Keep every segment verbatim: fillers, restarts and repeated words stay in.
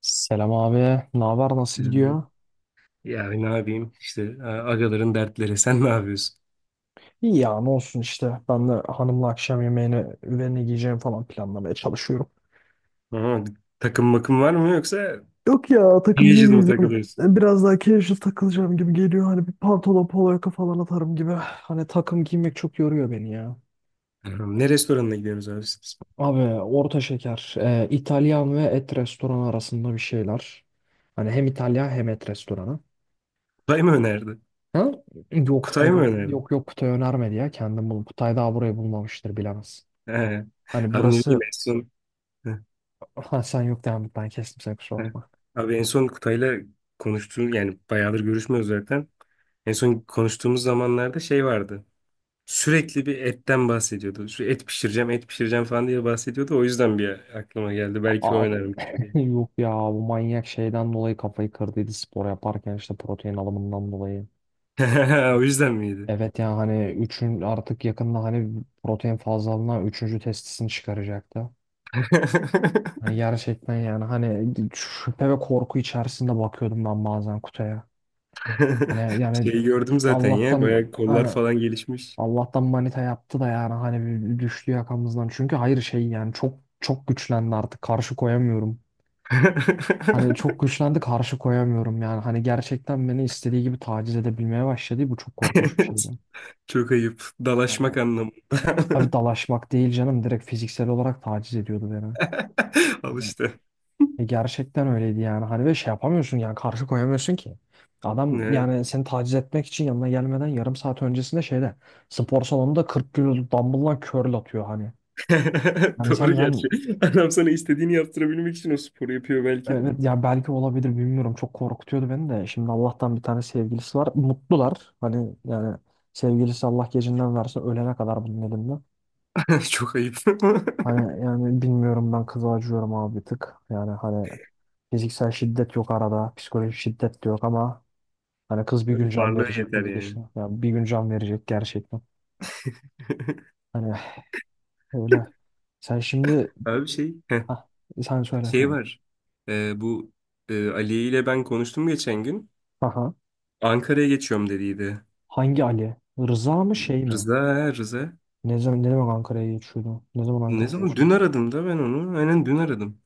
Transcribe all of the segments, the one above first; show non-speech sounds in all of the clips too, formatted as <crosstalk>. Selam abi. Ne haber? Nasıl Ee, gidiyor? Ya ne yapayım işte a- agaların dertleri <laughs> sen ne yapıyorsun? İyi ya ne olsun işte. Ben de hanımla akşam yemeğini ve ne giyeceğim falan planlamaya çalışıyorum. Aha, takım makım var mı yoksa Yok ya takım Diyaji'de mi giymeyeceğim. takılıyorsun? Biraz daha casual takılacağım gibi geliyor. Hani bir pantolon polo yaka falan atarım gibi. Hani takım giymek çok yoruyor beni ya. Aha, ne restoranına gidiyorsunuz abi siz? Abi orta şeker. e, İtalyan ve et restoranı arasında bir şeyler. Hani hem İtalyan hem et restoranı. Kutay mı önerdi? Ha? Yok Kutay Kutay, mı önerdi? yok yok Kutay önermedi ya. Kendim bulup Kutay daha burayı bulmamıştır, bilemez. He. Hani Abi ne bileyim burası... en son. He, Ha, sen yok devam et, ben kestim seni, kusura he. bakma. Abi en son Kutay'la konuştuğum yani bayağıdır görüşmüyoruz zaten. En son konuştuğumuz zamanlarda şey vardı. Sürekli bir etten bahsediyordu. Şu et pişireceğim, et pişireceğim falan diye bahsediyordu. O yüzden bir aklıma geldi. Belki o Abi önermiştir <laughs> diye. yok ya, bu manyak şeyden dolayı kafayı kırdıydı spor yaparken işte, protein alımından dolayı. <laughs> O yüzden miydi? Evet yani, hani üçün artık yakında hani protein fazlalığına üçüncü testisini çıkaracaktı. Hani <laughs> gerçekten yani, hani şüphe ve korku içerisinde bakıyordum ben bazen kutuya. Hani yani Şeyi gördüm zaten ya. Allah'tan Bayağı kollar hani, falan gelişmiş. Allah'tan manita yaptı da yani hani bir düştü yakamızdan. Çünkü hayır şey yani, çok çok güçlendi artık, karşı koyamıyorum. Hani çok <laughs> güçlendi, karşı koyamıyorum yani. Hani gerçekten beni istediği gibi taciz edebilmeye başladı. Bu çok korkunç bir şeydi. Evet. Çok ayıp. Dalaşmak Hani, anlamında. tabii dalaşmak değil canım. Direkt fiziksel olarak taciz ediyordu beni. <laughs> Al Hani işte. E gerçekten öyleydi yani. Hani ve şey yapamıyorsun yani, karşı koyamıyorsun ki. Adam Evet. yani seni taciz etmek için yanına gelmeden yarım saat öncesinde şeyde, spor salonunda kırk kilo dumbbell'la curl atıyor hani. <laughs> Yani Doğru sen, sen gerçi. Adam sana istediğini yaptırabilmek için o sporu yapıyor belki de. Evet, ya belki olabilir bilmiyorum. Çok korkutuyordu beni de. Şimdi Allah'tan bir tane sevgilisi var. Mutlular. Hani yani sevgilisi, Allah gecinden verse, ölene kadar bunun elinde. <laughs> Çok ayıp. <laughs> Hani yani bilmiyorum, ben kıza acıyorum abi bir tık. Yani hani fiziksel şiddet yok arada. Psikolojik şiddet de yok ama hani kız bir gün Hani can varlığı verecek bu yeter yani. gidişle. Yani bir gün can verecek gerçekten. Hani öyle. Sen şimdi... Abi şey, heh, Hah, sen söyle, şey tamam. var. Ee, bu e, Ali ile ben konuştum geçen gün. Aha. Ankara'ya geçiyorum dediydi. Hangi Ali? Rıza mı, şey mi? Rıza, ha, Rıza. Ne zaman ne zaman Ankara'ya geçiyordu? Ne zaman Ne Ankara'ya zaman? Dün geçiyordu? aradım da ben onu. Aynen dün aradım.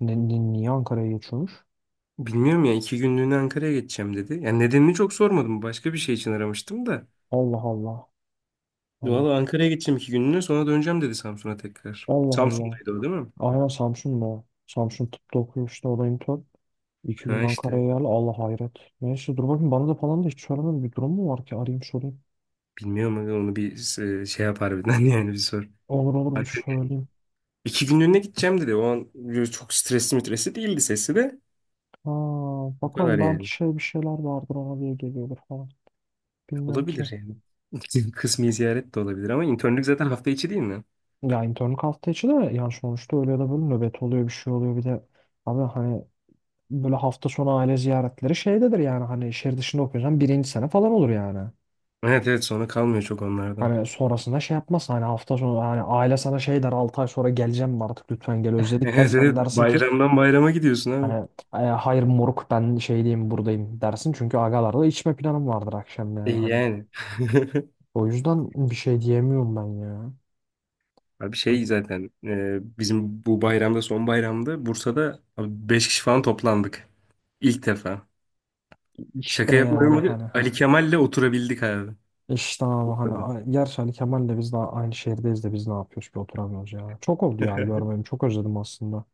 Ne, ni- niye Ankara'ya geçiyormuş? Bilmiyorum ya iki günlüğüne Ankara'ya geçeceğim dedi. Yani nedenini çok sormadım. Başka bir şey için aramıştım da. Allah Allah. Allah Valla Ankara'ya geçeceğim iki günlüğüne sonra döneceğim dedi Samsun'a tekrar. Allah. Allah. Samsun'daydı o değil mi? Aynen Samsun'da, o. Samsun tıpta okuyor işte, o da intern. İki gün Ha işte. Ankara'ya geldi. Allah hayret. Neyse dur bakayım, bana da falan da hiç söylemedi. Bir durum mu var ki, arayayım sorayım. Bilmiyorum aga, onu bir e, şey yapar birden <laughs> yani bir sor. Olur olur, bir Ankara, söyleyeyim. iki günlüğüne gideceğim dedi. O an böyle çok stresli mitresi değildi sesi de. Ha, O kadar bakalım yani. belki şey, bir şeyler vardır ona diye geliyordur falan. Bilmiyorum ki. Olabilir yani. <laughs> Kısmi ziyaret de olabilir ama internlük zaten hafta içi değil mi? Ya internlük hafta içi de yani, sonuçta öyle ya da böyle nöbet oluyor, bir şey oluyor, bir de abi hani böyle hafta sonu aile ziyaretleri şeydedir yani, hani şehir dışında okuyorsan birinci sene falan olur yani. Evet evet sonra kalmıyor çok onlardan. Hani sonrasında şey yapmaz. Hani hafta sonu hani aile sana şey der, altı ay sonra geleceğim mi artık, lütfen gel <laughs> özledik der. Evet, Sen evet. dersin ki Bayramdan bayrama gidiyorsun abi. hani, "E, hayır moruk, ben şey diyeyim, buradayım" dersin. Çünkü agalarla içme planım vardır akşam, E yani hani. yani. <laughs> O yüzden bir şey diyemiyorum ben ya. Abi şey Hani zaten e, bizim bu bayramda son bayramda Bursa'da abi beş kişi falan toplandık. İlk defa. Şaka işte yani, yapmıyorum abi. hani Ali ha. Kemal'le oturabildik abi. İşte abi hani Bursa'da. a- gerçi hani Kemal'le biz daha aynı şehirdeyiz de biz ne yapıyoruz ki, oturamıyoruz ya. Çok oldu ya <laughs> görmeyim, çok özledim aslında.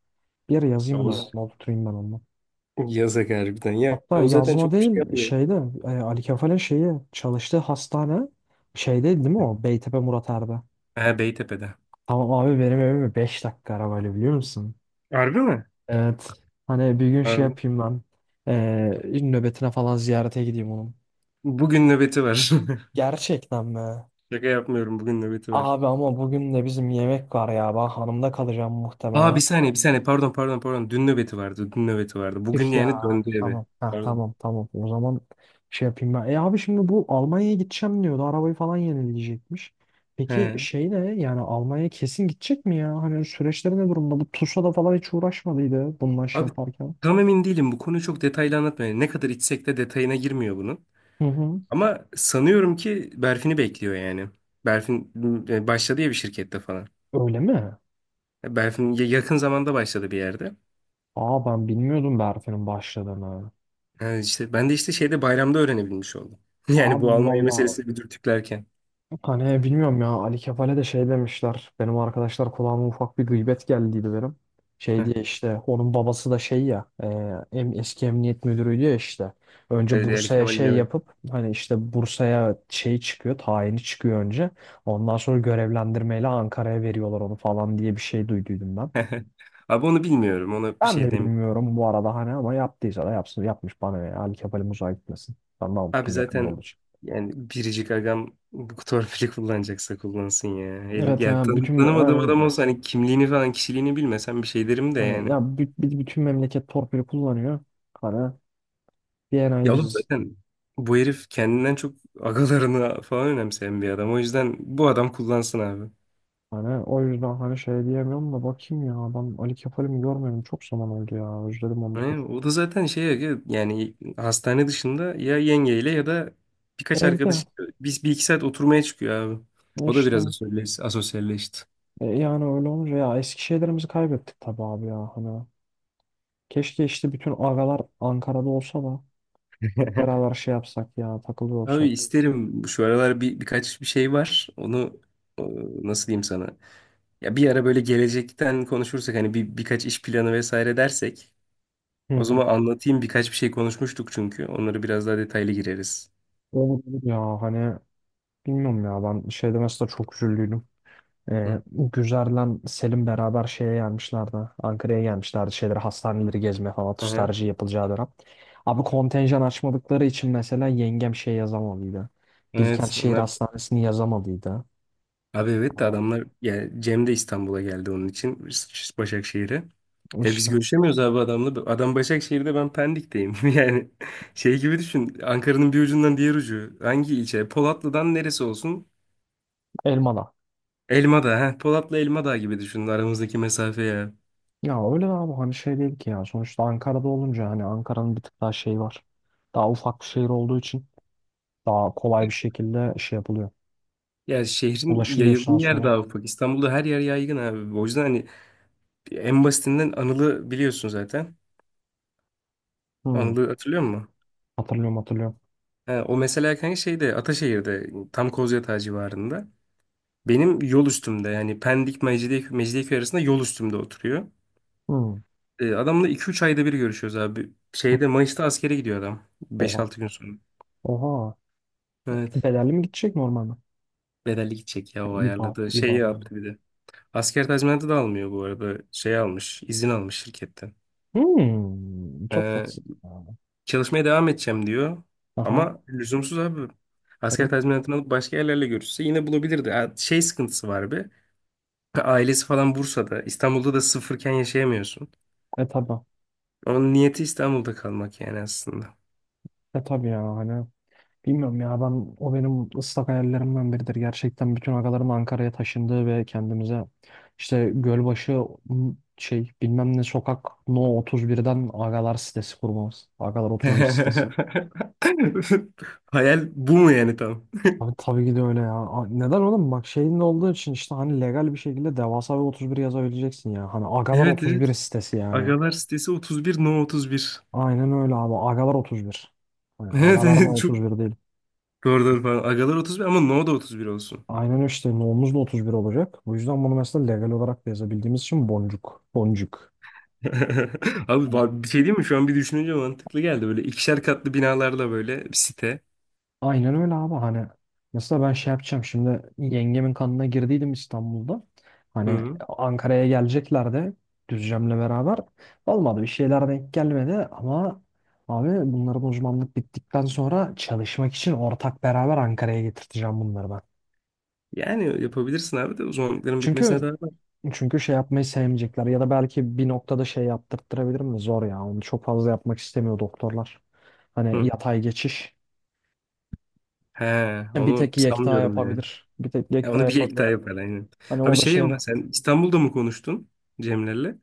Bir yere yazayım da Yavuz. ona, oturayım ben onunla. Yasak harbiden. Ya Hatta o zaten yazma çok bir şey değil, yapmıyor. şeyde e, Ali Kefal'in şeyi çalıştığı hastane şeyde değil mi o? Beytepe Murat Er'de. Ha, Beytepe'de. Tamam abi, benim evime beş dakika arabayla, biliyor musun? Harbi mi? Evet. Hani bir gün Ha, şey yapayım ben. E, nöbetine falan ziyarete gideyim onun. bugün nöbeti var. <laughs> Gerçekten mi? Şaka yapmıyorum. Bugün nöbeti var. Abi ama bugün de bizim yemek var ya. Ben hanımda kalacağım Aa muhtemelen. bir saniye bir saniye. Pardon pardon pardon. Dün nöbeti vardı. Dün nöbeti vardı. Tüh Bugün yani ya. döndü eve. Tamam. Ha, Pardon. tamam tamam. O zaman şey yapayım ben. E abi şimdi bu Almanya'ya gideceğim diyordu. Arabayı falan yenileyecekmiş. Peki He. şey ne? Yani Almanya'ya kesin gidecek mi ya? Hani süreçleri ne durumda? Bu TUSA'da falan hiç uğraşmadıydı bununla, şey Abi yaparken. tam emin değilim. Bu konuyu çok detaylı anlatmıyor. Yani ne kadar içsek de detayına girmiyor bunun. Hı hı. Ama sanıyorum ki Berfin'i bekliyor yani. Berfin e, başladı ya bir şirkette falan. Öyle mi? E, Berfin ya- yakın zamanda başladı bir yerde. Aa, ben bilmiyordum Berfin'in başladığını. Yani işte ben de işte şeyde bayramda öğrenebilmiş oldum. <laughs> Yani Abi bu Almanya valla, meselesini bir dürtüklerken. hani bilmiyorum ya, Ali Kefal'e de şey demişler. Benim arkadaşlar kulağıma ufak bir gıybet geldiydi benim. Şey Heh, diye işte, onun babası da şey ya, e, em- eski emniyet müdürüydü ya işte. E, Önce Yani Bursa'ya Kemal'in şey evet. yapıp hani, işte Bursa'ya şey çıkıyor, tayini çıkıyor önce. Ondan sonra görevlendirmeyle Ankara'ya veriyorlar onu falan diye bir şey duyduydum ben. <laughs> Abi onu bilmiyorum. Ona bir Ben de şey. bilmiyorum bu arada hani, ama yaptıysa da yapsın, yapmış bana ne? Ali Kefal'im uzağa gitmesin. Ben daha Abi mutluyum, yakında zaten olacak. yani biricik agam bu torpili <laughs> kullanacaksa kullansın ya. El, Evet ya yani tan- bütün tanımadığım adam yani... olsa hani kimliğini falan kişiliğini bilmesem bir şey derim de Hani yani. ya bü- bir- bütün memleket torpili kullanıyor. Hani D N A'yı Ya oğlum biz zaten bu herif kendinden çok agalarını falan önemseyen bir adam. O yüzden bu adam kullansın abi. hani... O yüzden hani şey diyemiyorum da, bakayım ya, ben Ali Kefal'imi görmedim çok zaman oldu ya, özledim onu da, dur. Yani o da zaten şey aga, yani hastane dışında ya yengeyle ya da birkaç Evde arkadaşı biz bir iki saat oturmaya çıkıyor abi. O da işte biraz asosyalleş- asosyalleşti. e, yani öyle olunca ya, eski şeylerimizi kaybettik tabii abi ya hani. Keşke işte bütün agalar Ankara'da olsa da hep <laughs> beraber şey yapsak ya, takılıyor Abi olsak. isterim şu aralar bir birkaç bir şey var. Onu e, nasıl diyeyim sana? Ya bir ara böyle gelecekten konuşursak hani bir birkaç iş planı vesaire dersek Hı o hı. zaman anlatayım birkaç bir şey konuşmuştuk çünkü. Onları biraz daha detaylı gireriz. Olur olur ya hani, bilmiyorum ya ben, şeyde mesela çok üzüldüydüm. Ee, Hı. Güzer'le Selim beraber şeye gelmişlerdi. Ankara'ya gelmişlerdi. Şeyleri, hastaneleri gezmeye falan. Aha. Tutarcı yapılacağı dönem. Abi kontenjan açmadıkları için mesela yengem şey yazamadıydı. Bilkent Evet Şehir onlar Hastanesi'ni yazamadıydı. abi evet de Ama adamlar yani Cem de İstanbul'a geldi onun için Başakşehir'e. E biz İşte görüşemiyoruz abi adamla. Adam Başakşehir'de ben Pendik'teyim. <laughs> Yani şey gibi düşün. Ankara'nın bir ucundan diğer ucu. Hangi ilçe? Polatlı'dan neresi olsun? Elmalı. Elma da, Heh, Polat'la Elma Dağı gibi düşünün aramızdaki mesafe ya. Ya öyle abi hani, şey değil ki ya. Sonuçta Ankara'da olunca hani Ankara'nın bir tık daha şey var. Daha ufak bir şehir olduğu için daha kolay bir şekilde şey yapılıyor. Ya şehrin Ulaşılıyor yayıldığı sağa yer sola. daha ufak. İstanbul'da her yer yaygın abi. O yüzden hani en basitinden Anıl'ı biliyorsun zaten. Hmm. Anıl'ı hatırlıyor musun? Hatırlıyorum hatırlıyorum. Ha, o mesela kanka şeyde Ataşehir'de tam Kozyatağı civarında. Benim yol üstümde yani Pendik Mecidiyeköy, Mecidiyeköy arasında yol üstümde oturuyor. Hmm. Hmm. E, adamla iki üç ayda bir görüşüyoruz abi. Şeyde Mayıs'ta askere gidiyor adam. Oha. beş altı gün sonra. Oha. Evet. Bedelli mi gidecek, normal mi? Ha, Bedelli gidecek ya o İbar, ayarladı. Şey İbar oyunu. yaptı bir de. Asker tazminatı da almıyor bu arada. Şey almış, izin almış şirketten. Hmm, çok Ee, tatsız. çalışmaya devam edeceğim diyor. Aha. Ama lüzumsuz abi. Asker Evet. tazminatını alıp başka yerlerle görüşse yine bulabilirdi. Ha, şey sıkıntısı var bir. Ailesi falan Bursa'da. İstanbul'da da sıfırken yaşayamıyorsun. E tabi. Onun niyeti İstanbul'da kalmak yani aslında. E tabi ya hani. Bilmiyorum ya, ben o benim ıslak hayallerimden biridir. Gerçekten bütün agalarım Ankara'ya taşındı ve kendimize işte Gölbaşı m, şey bilmem ne sokak No otuz birden agalar sitesi kurmamız. Agalar <laughs> otuz bir sitesi. Hayal bu mu yani tam? Abi tabii ki de öyle ya. A- Neden oğlum? Bak şeyin olduğu için işte hani legal bir şekilde devasa bir otuz bir yazabileceksin ya. Hani agalar Evet evet. otuz bir sitesi yani. Agalar sitesi otuz bir, no otuz bir. <laughs> Aynen öyle abi. Agalar otuz bir. Yani Evet agalar da evet. Çok otuz bir değil. doğru doğru falan. Agalar otuz bir ama no da otuz bir olsun. Aynen işte nohumuz da otuz bir olacak. Bu yüzden bunu mesela legal olarak da yazabildiğimiz için, boncuk. Boncuk. <laughs> Abi ba- bir şey değil mi? Şu an bir düşününce mantıklı geldi. Böyle ikişer katlı binalarla böyle bir site. Aynen öyle abi hani, mesela ben şey yapacağım şimdi, yengemin kanına girdiydim İstanbul'da. Hı Hani hı. Ankara'ya gelecekler de Düzcem'le beraber. Olmadı, bir şeyler denk gelmedi ama abi bunların uzmanlık bittikten sonra çalışmak için, ortak beraber Ankara'ya getirteceğim bunları ben. Yani yapabilirsin abi de uzmanlıkların bitmesine Çünkü daha var. Çünkü şey yapmayı sevmeyecekler, ya da belki bir noktada şey yaptırttırabilirim de zor ya. Onu çok fazla yapmak istemiyor doktorlar. Hani Hı. yatay geçiş. He, e, Bir onu tek Yekta sanmıyorum yani. yapabilir. Bir tek Ya Yekta onu bir ek daha yapabilir. yapar aynen. Hani Abi o da şey ama şeyle. sen İstanbul'da mı konuştun Cemler'le?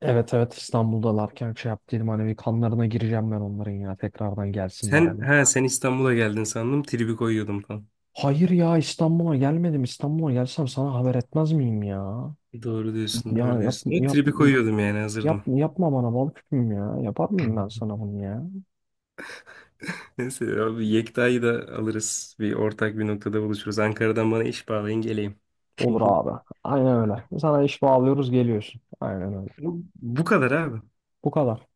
Evet evet, İstanbul'dalarken şey yaptıydım hani, bir kanlarına gireceğim ben onların ya, tekrardan gelsinler Sen diye. ha sen İstanbul'a geldin sandım. Tribi koyuyordum falan. Hayır ya, İstanbul'a gelmedim. İstanbul'a gelsem sana haber etmez miyim ya? Doğru diyorsun, Ya doğru yap, diyorsun. Ama yap, tribi koyuyordum yani yap, hazırdım. yapma bana bal küpüm ya. Yapar mıyım ben <laughs> sana bunu ya? Neyse abi Yekta'yı da alırız. Bir ortak bir noktada buluşuruz. Ankara'dan bana iş bağlayın geleyim. Olur abi. <laughs> Aynen öyle. Sana iş bağlıyoruz, geliyorsun. Aynen öyle. Bu, bu kadar abi. Bu kadar.